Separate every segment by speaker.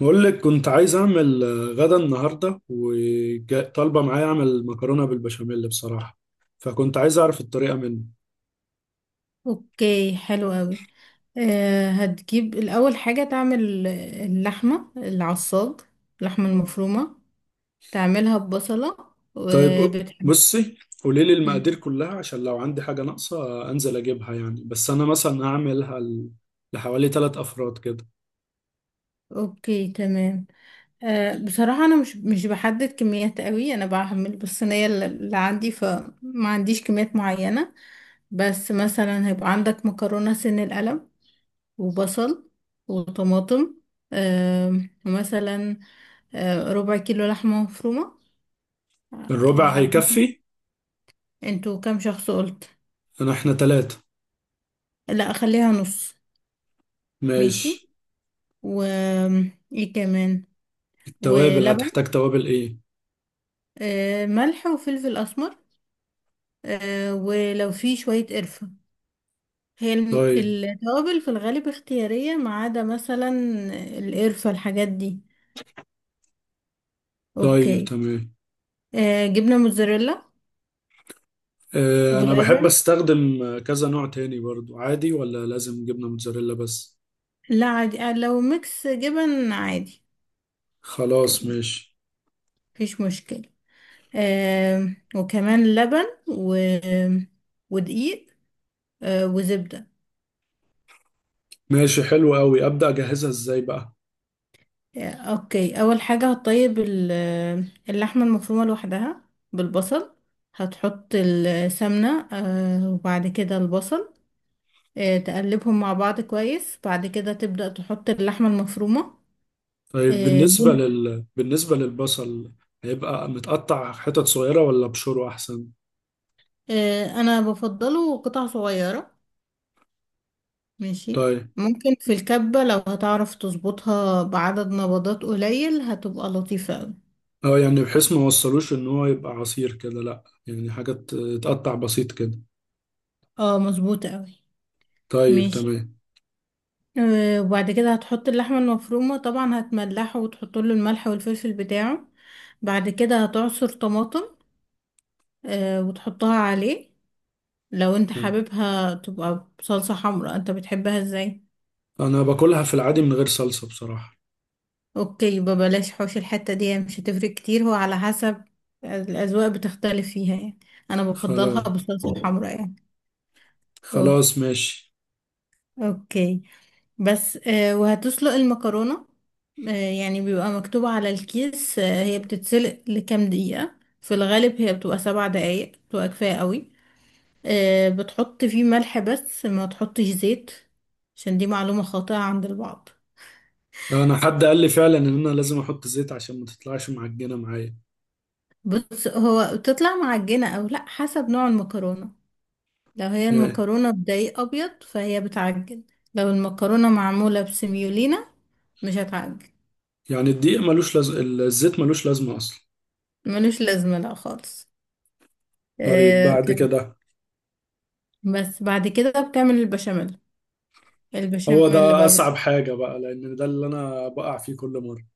Speaker 1: بقول لك كنت عايز اعمل غدا النهارده، وطالبه معايا اعمل مكرونه بالبشاميل بصراحه. فكنت عايز اعرف الطريقه منه.
Speaker 2: اوكي، حلو قوي. أه هتجيب الاول حاجة تعمل اللحمة العصاج. اللحمة المفرومة تعملها ببصلة
Speaker 1: طيب،
Speaker 2: وبتحب.
Speaker 1: بصي، قولي لي
Speaker 2: مم.
Speaker 1: المقادير كلها عشان لو عندي حاجه ناقصه، انزل اجيبها، يعني بس انا مثلا هعملها لحوالي 3 افراد كده.
Speaker 2: اوكي تمام. أه بصراحة انا مش بحدد كميات قوي، انا بعمل بالصينية اللي عندي، فما عنديش كميات معينة. بس مثلا هيبقى عندك مكرونة سن القلم وبصل وطماطم، أه، ومثلا ربع كيلو لحمة مفرومة. يعني
Speaker 1: الربع
Speaker 2: على حسب،
Speaker 1: هيكفي.
Speaker 2: انتوا كام شخص قلت؟
Speaker 1: انا احنا 3.
Speaker 2: لا اخليها نص. ماشي،
Speaker 1: ماشي.
Speaker 2: و ايه كمان؟
Speaker 1: التوابل
Speaker 2: ولبن،
Speaker 1: هتحتاج توابل ايه؟
Speaker 2: ملح وفلفل اسمر، ولو في شوية قرفة. هي
Speaker 1: طيب.
Speaker 2: التوابل في الغالب اختيارية، ما عدا مثلا القرفة، الحاجات دي.
Speaker 1: طيب
Speaker 2: اوكي،
Speaker 1: تمام.
Speaker 2: جبنة موتزاريلا
Speaker 1: انا بحب
Speaker 2: ولبن.
Speaker 1: استخدم كذا نوع تاني برضو، عادي ولا لازم جبنه موتزاريلا بس؟
Speaker 2: لا عادي، لو ميكس جبن عادي.
Speaker 1: خلاص
Speaker 2: اوكي،
Speaker 1: ماشي.
Speaker 2: مفيش مشكلة. وكمان لبن و ودقيق، وزبدة.
Speaker 1: ماشي حلو قوي، ابدا اجهزها ازاي بقى؟
Speaker 2: اوكي، اول حاجة هتطيب اللحمة المفرومة لوحدها بالبصل. هتحط السمنة وبعد كده البصل، تقلبهم مع بعض كويس، بعد كده تبدأ تحط اللحمة المفرومة.
Speaker 1: طيب،
Speaker 2: آه، لون-
Speaker 1: بالنسبه للبصل، هيبقى متقطع حتت صغيره ولا بشوره احسن؟
Speaker 2: انا بفضله قطع صغيرة. ماشي،
Speaker 1: طيب.
Speaker 2: ممكن في الكبة لو هتعرف تظبطها بعدد نبضات قليل هتبقى لطيفة اوي.
Speaker 1: اه يعني بحيث ما وصلوش ان هو يبقى عصير كده، لا يعني حاجات تقطع بسيط كده.
Speaker 2: اه مظبوطة اوي.
Speaker 1: طيب
Speaker 2: ماشي.
Speaker 1: تمام.
Speaker 2: وبعد كده هتحط اللحمة المفرومة، طبعا هتملحه وتحط له الملح والفلفل بتاعه. بعد كده هتعصر طماطم وتحطها عليه. لو انت حاببها تبقى بصلصة حمراء، انت بتحبها ازاي؟
Speaker 1: انا باكلها في العادي من غير صلصه بصراحه.
Speaker 2: اوكي، يبقى بلاش، حوش الحتة دي مش هتفرق كتير، هو على حسب، الأذواق بتختلف فيها يعني. انا بفضلها
Speaker 1: خلاص.
Speaker 2: بالصلصة الحمراء يعني. أوك-
Speaker 1: خلاص ماشي.
Speaker 2: اوكي، بس وهتسلق المكرونة. يعني بيبقى مكتوب على الكيس، هي بتتسلق لكام دقيقة. في الغالب هي بتبقى 7 دقايق بتبقى كفاية قوي. بتحط فيه ملح بس ما تحطش زيت، عشان دي معلومة خاطئة عند البعض.
Speaker 1: انا حد قال لي فعلا ان انا لازم احط زيت عشان ما تطلعش معجنه معايا.
Speaker 2: بص، هو بتطلع معجنة او لا حسب نوع المكرونة. لو هي
Speaker 1: يعني،
Speaker 2: المكرونة بدقيق ابيض فهي بتعجن، لو المكرونة معمولة بسميولينا مش هتعجن.
Speaker 1: الدقيق ملوش لازم، الزيت ملوش لازمه اصلا.
Speaker 2: ملوش لازمة لا خالص.
Speaker 1: طيب
Speaker 2: آه،
Speaker 1: بعد كده.
Speaker 2: بس بعد كده بتعمل البشاميل.
Speaker 1: هو
Speaker 2: البشاميل اللي
Speaker 1: ده
Speaker 2: بقى بت...
Speaker 1: أصعب حاجة بقى، لأن ده اللي أنا بقع فيه كل مرة.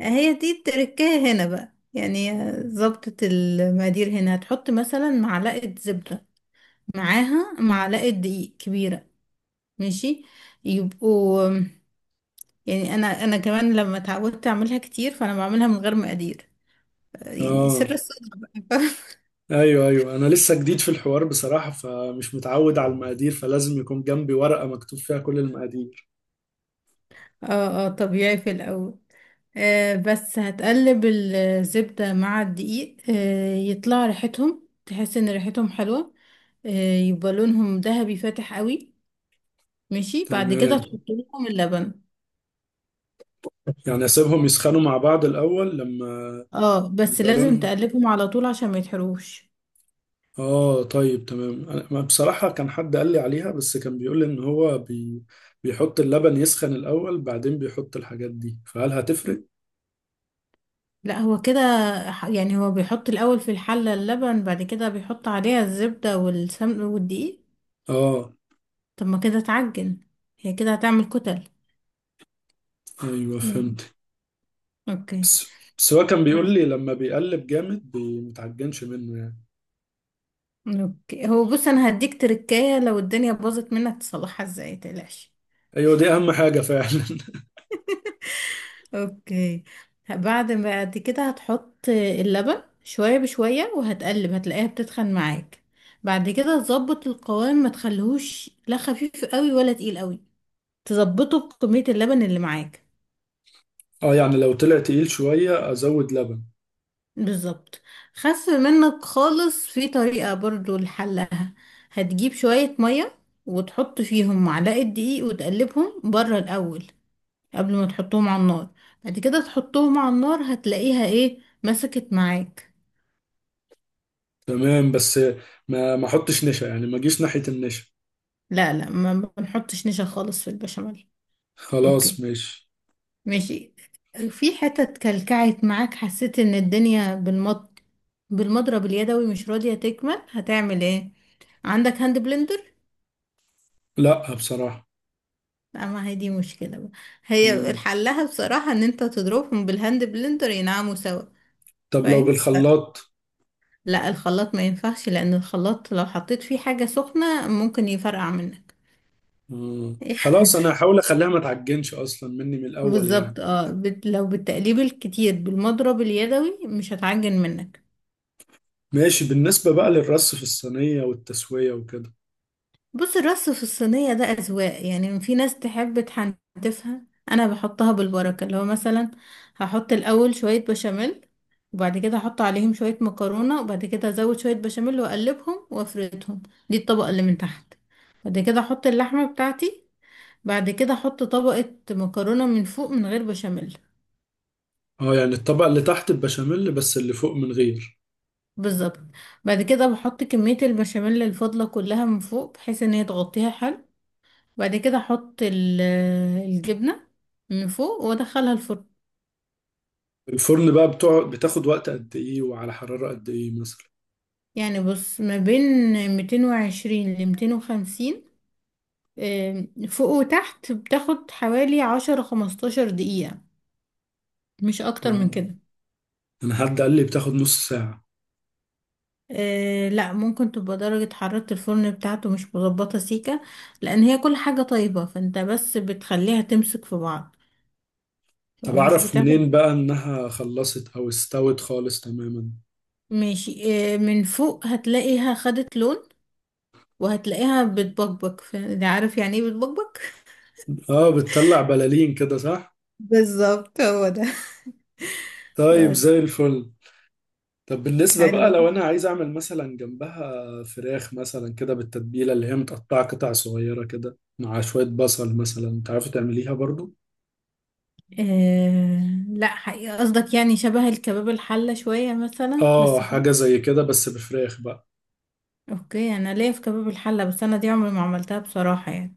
Speaker 2: هي دي التركاية هنا بقى يعني.
Speaker 1: مم.
Speaker 2: ظبطة المقادير هنا هتحط مثلا معلقة زبدة، معاها معلقة دقيق كبيرة. ماشي، يبقوا يعني، انا كمان لما اتعودت اعملها كتير فانا بعملها من غير مقادير، يعني سر
Speaker 1: آه.
Speaker 2: الصدر بقى.
Speaker 1: أيوه أيوه، أنا لسه جديد في الحوار بصراحة، فمش متعود على المقادير، فلازم يكون جنبي ورقة مكتوب فيها كل المقادير.
Speaker 2: اه اه، طبيعي في الاول. آه، بس هتقلب الزبدة مع الدقيق، آه يطلع ريحتهم، تحس ان ريحتهم حلوة، آه، يبقى لونهم ذهبي فاتح قوي. ماشي، بعد كده
Speaker 1: تمام.
Speaker 2: تحط لهم اللبن.
Speaker 1: يعني أسيبهم يسخنوا مع بعض الأول لما
Speaker 2: اه بس
Speaker 1: يبقى
Speaker 2: لازم
Speaker 1: لونهم.
Speaker 2: تقلبهم على طول عشان ما يتحروش.
Speaker 1: آه طيب تمام، أنا ما بصراحة كان حد قال لي عليها، بس كان بيقول لي إن هو بيحط اللبن يسخن الأول، بعدين بيحط الحاجات دي، فهل هتفرق؟
Speaker 2: لا هو كده، يعني هو بيحط الاول في الحلة اللبن، بعد كده بيحط عليها الزبدة والسمن والدقيق.
Speaker 1: آه.
Speaker 2: طب ما كده اتعجن، هي كده هتعمل كتل
Speaker 1: أيوه
Speaker 2: يعني.
Speaker 1: فهمت.
Speaker 2: اوكي.
Speaker 1: بس هو كان بيقول لي لما بيقلب جامد متعجنش منه يعني.
Speaker 2: اوكي، هو بص انا هديك تركاية لو الدنيا باظت منك تصلحها ازاي، متقلقش.
Speaker 1: ايوه دي اهم حاجه فعلا
Speaker 2: اوكي، بعد كده هتحط اللبن شوية بشوية وهتقلب، هتلاقيها بتتخن معاك. بعد كده تظبط القوام، ما تخليهوش لا خفيف قوي ولا تقيل قوي، تظبطه بكمية اللبن اللي معاك.
Speaker 1: اه يعني لو طلع تقيل شويه ازود لبن.
Speaker 2: بالظبط. خف منك خالص؟ في طريقة برضو لحلها، هتجيب شوية مية وتحط فيهم معلقة دقيق وتقلبهم بره الأول، قبل ما تحطهم على النار. بعد كده تحطهم على النار هتلاقيها ايه، مسكت معاك.
Speaker 1: تمام. بس ما احطش نشا، يعني ما اجيش ناحيه النشا.
Speaker 2: لا لا، ما بنحطش نشا خالص في البشاميل.
Speaker 1: خلاص
Speaker 2: اوكي.
Speaker 1: ماشي.
Speaker 2: ماشي. في حتت كلكعت معاك، حسيت ان الدنيا بالمط بالمضرب اليدوي مش راضية تكمل، هتعمل ايه؟ عندك هاند بلندر؟
Speaker 1: لا بصراحه.
Speaker 2: لا، ما هي دي مشكلة بقى. هي
Speaker 1: مم.
Speaker 2: حلها بصراحة ان انت تضربهم بالهاند بلندر، ينعموا سوا.
Speaker 1: طب لو
Speaker 2: فاهم؟
Speaker 1: بالخلاط؟
Speaker 2: لا الخلاط ما ينفعش، لان الخلاط لو حطيت فيه حاجة سخنة ممكن يفرقع منك.
Speaker 1: مم. خلاص انا هحاول اخليها ما تعجنش اصلا مني من الاول يعني.
Speaker 2: بالظبط. لو بالتقليب الكتير بالمضرب اليدوي مش هتعجن منك.
Speaker 1: ماشي. بالنسبه بقى للرص في الصينيه والتسويه وكده.
Speaker 2: بص الرص في الصينية ده أذواق، يعني في ناس تحب تحنتفها. أنا بحطها بالبركة، اللي هو مثلا هحط الأول شوية بشاميل، وبعد كده هحط عليهم شوية مكرونة، وبعد كده أزود شوية بشاميل وأقلبهم وأفردهم. دي الطبقة اللي من تحت. بعد كده أحط اللحمة بتاعتي، بعد كده أحط طبقة مكرونة من فوق من غير بشاميل.
Speaker 1: اه يعني الطبقه اللي تحت البشاميل بس، اللي فوق من غير.
Speaker 2: بالظبط. بعد كده بحط كمية البشاميل الفاضلة كلها من فوق، بحيث ان هي تغطيها حلو. بعد كده احط الجبنة من فوق وادخلها الفرن.
Speaker 1: الفرن بقى بتوع بتاخد وقت قد ايه وعلى حرارة قد ايه مثلا؟
Speaker 2: يعني بص ما بين 220 ل 250، فوق وتحت، بتاخد حوالي 10 15 دقيقة، مش اكتر من
Speaker 1: آه.
Speaker 2: كده.
Speaker 1: انا حد قال لي بتاخد نص ساعة.
Speaker 2: أه لا، ممكن تبقى درجة حرارة الفرن بتاعته مش مظبطة سيكة، لأن هي كل حاجة طيبة، فانت بس بتخليها تمسك في بعض،
Speaker 1: طب
Speaker 2: فمش
Speaker 1: اعرف
Speaker 2: بتاخد.
Speaker 1: منين بقى انها خلصت او استوت خالص تماما؟
Speaker 2: ماشي. من فوق هتلاقيها خدت لون، وهتلاقيها بتبقبق، ده عارف يعني ايه بتبقبق.
Speaker 1: اه بتطلع بلالين كده صح؟
Speaker 2: بالظبط، هو ده.
Speaker 1: طيب
Speaker 2: بس.
Speaker 1: زي الفل. طب بالنسبة بقى،
Speaker 2: حلوة.
Speaker 1: لو انا عايز اعمل مثلا جنبها فراخ مثلا كده بالتتبيلة، اللي هي متقطعة قطع صغيرة كده مع شوية بصل مثلا، تعرفي تعمليها برضو؟
Speaker 2: آه لا حقيقة، قصدك يعني شبه الكباب الحلة شوية مثلا،
Speaker 1: اه حاجة زي كده بس بفراخ بقى.
Speaker 2: اوكي، انا ليا في كباب الحلة، بس انا دي عمري ما عملتها بصراحة يعني.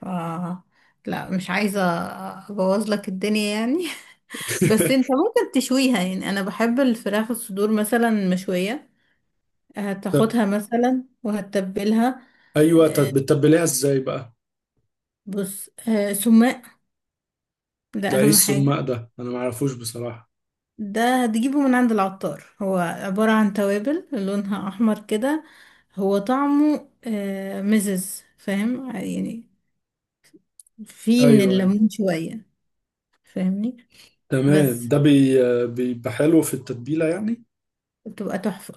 Speaker 2: ف لا مش عايزة ابوظ لك الدنيا يعني. بس انت ممكن تشويها يعني، انا بحب الفراخ الصدور مثلا مشوية. هتاخدها مثلا وهتتبلها.
Speaker 1: ايوه، طب
Speaker 2: آه،
Speaker 1: بتتبليها ازاي بقى؟
Speaker 2: بص، سماق، ده
Speaker 1: ده ايه
Speaker 2: اهم حاجة.
Speaker 1: السماق ده، انا ما اعرفوش بصراحة.
Speaker 2: ده هتجيبه من عند العطار، هو عبارة عن توابل لونها احمر كده. هو طعمه مزز، فاهم يعني، فيه من
Speaker 1: ايوه ايوه.
Speaker 2: الليمون شوية. فاهمني؟
Speaker 1: تمام،
Speaker 2: بس
Speaker 1: ده بي بيبقى حلو في التتبيلة يعني.
Speaker 2: بتبقى تحفة،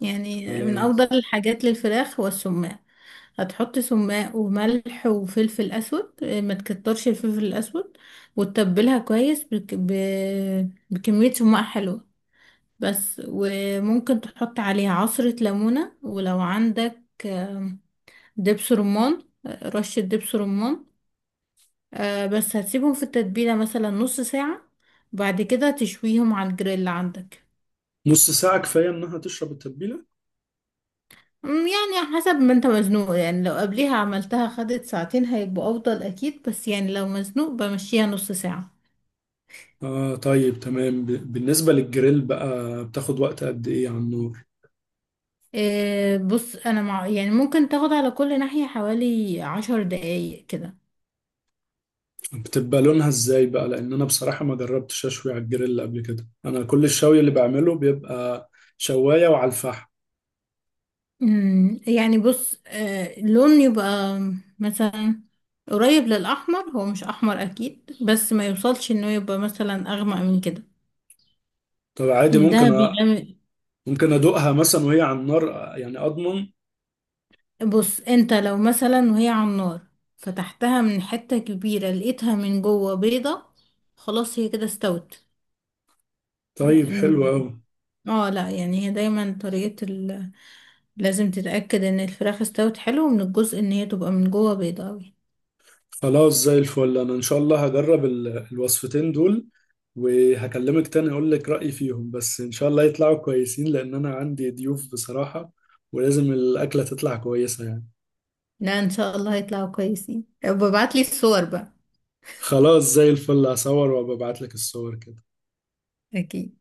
Speaker 2: يعني من
Speaker 1: على.
Speaker 2: افضل الحاجات للفراخ هو السماق. هتحط سماق وملح وفلفل اسود، ما تكترش الفلفل الاسود، وتتبلها كويس بكمية سماق حلوة. بس، وممكن تحط عليها عصرة ليمونة، ولو عندك دبس رمان، رشة دبس رمان. بس هتسيبهم في التتبيلة مثلا نص ساعة، بعد كده تشويهم على الجريل عندك.
Speaker 1: نص ساعة كفاية انها تشرب التتبيلة؟
Speaker 2: يعني حسب ما انت مزنوق يعني، لو قبليها عملتها خدت ساعتين هيبقوا افضل اكيد، بس يعني لو مزنوق بمشيها نص ساعة.
Speaker 1: اه طيب تمام. بالنسبة للجريل بقى، بتاخد وقت قد ايه على النار؟
Speaker 2: إيه بص، انا مع يعني ممكن تاخد على كل ناحية حوالي 10 دقايق كده.
Speaker 1: بتبقى لونها ازاي بقى، لان انا بصراحة ما جربتش اشوي على الجريل قبل كده، انا كل الشوي اللي بعمله بيبقى شواية وعلى الفحم.
Speaker 2: يعني بص، آه، لون يبقى مثلا قريب للاحمر، هو مش احمر اكيد، بس ما يوصلش انه يبقى مثلا اغمق من كده
Speaker 1: طب عادي
Speaker 2: يعني، ده
Speaker 1: ممكن
Speaker 2: بيغمق.
Speaker 1: ممكن ادوقها مثلا وهي على النار، يعني اضمن.
Speaker 2: بص انت لو مثلا وهي على النار فتحتها من حتة كبيرة لقيتها من جوه بيضة، خلاص هي كده استوت.
Speaker 1: طيب حلو
Speaker 2: لأن-
Speaker 1: قوي.
Speaker 2: اه لا يعني هي دايما طريقة لازم تتأكد ان الفراخ استوت حلو، من الجزء ان هي تبقى من جوه بيضة اوي.
Speaker 1: خلاص زي الفل، انا ان شاء الله هجرب الوصفتين دول، وهكلمك تاني اقول لك رأيي فيهم، بس ان شاء الله يطلعوا كويسين لان انا عندي ضيوف بصراحة، ولازم الاكلة تطلع كويسة يعني.
Speaker 2: لا ان شاء الله هيطلعوا كويسين، ببعتلي الصور بقى.
Speaker 1: خلاص زي الفل، هصور وابعت لك الصور كده.
Speaker 2: اكيد.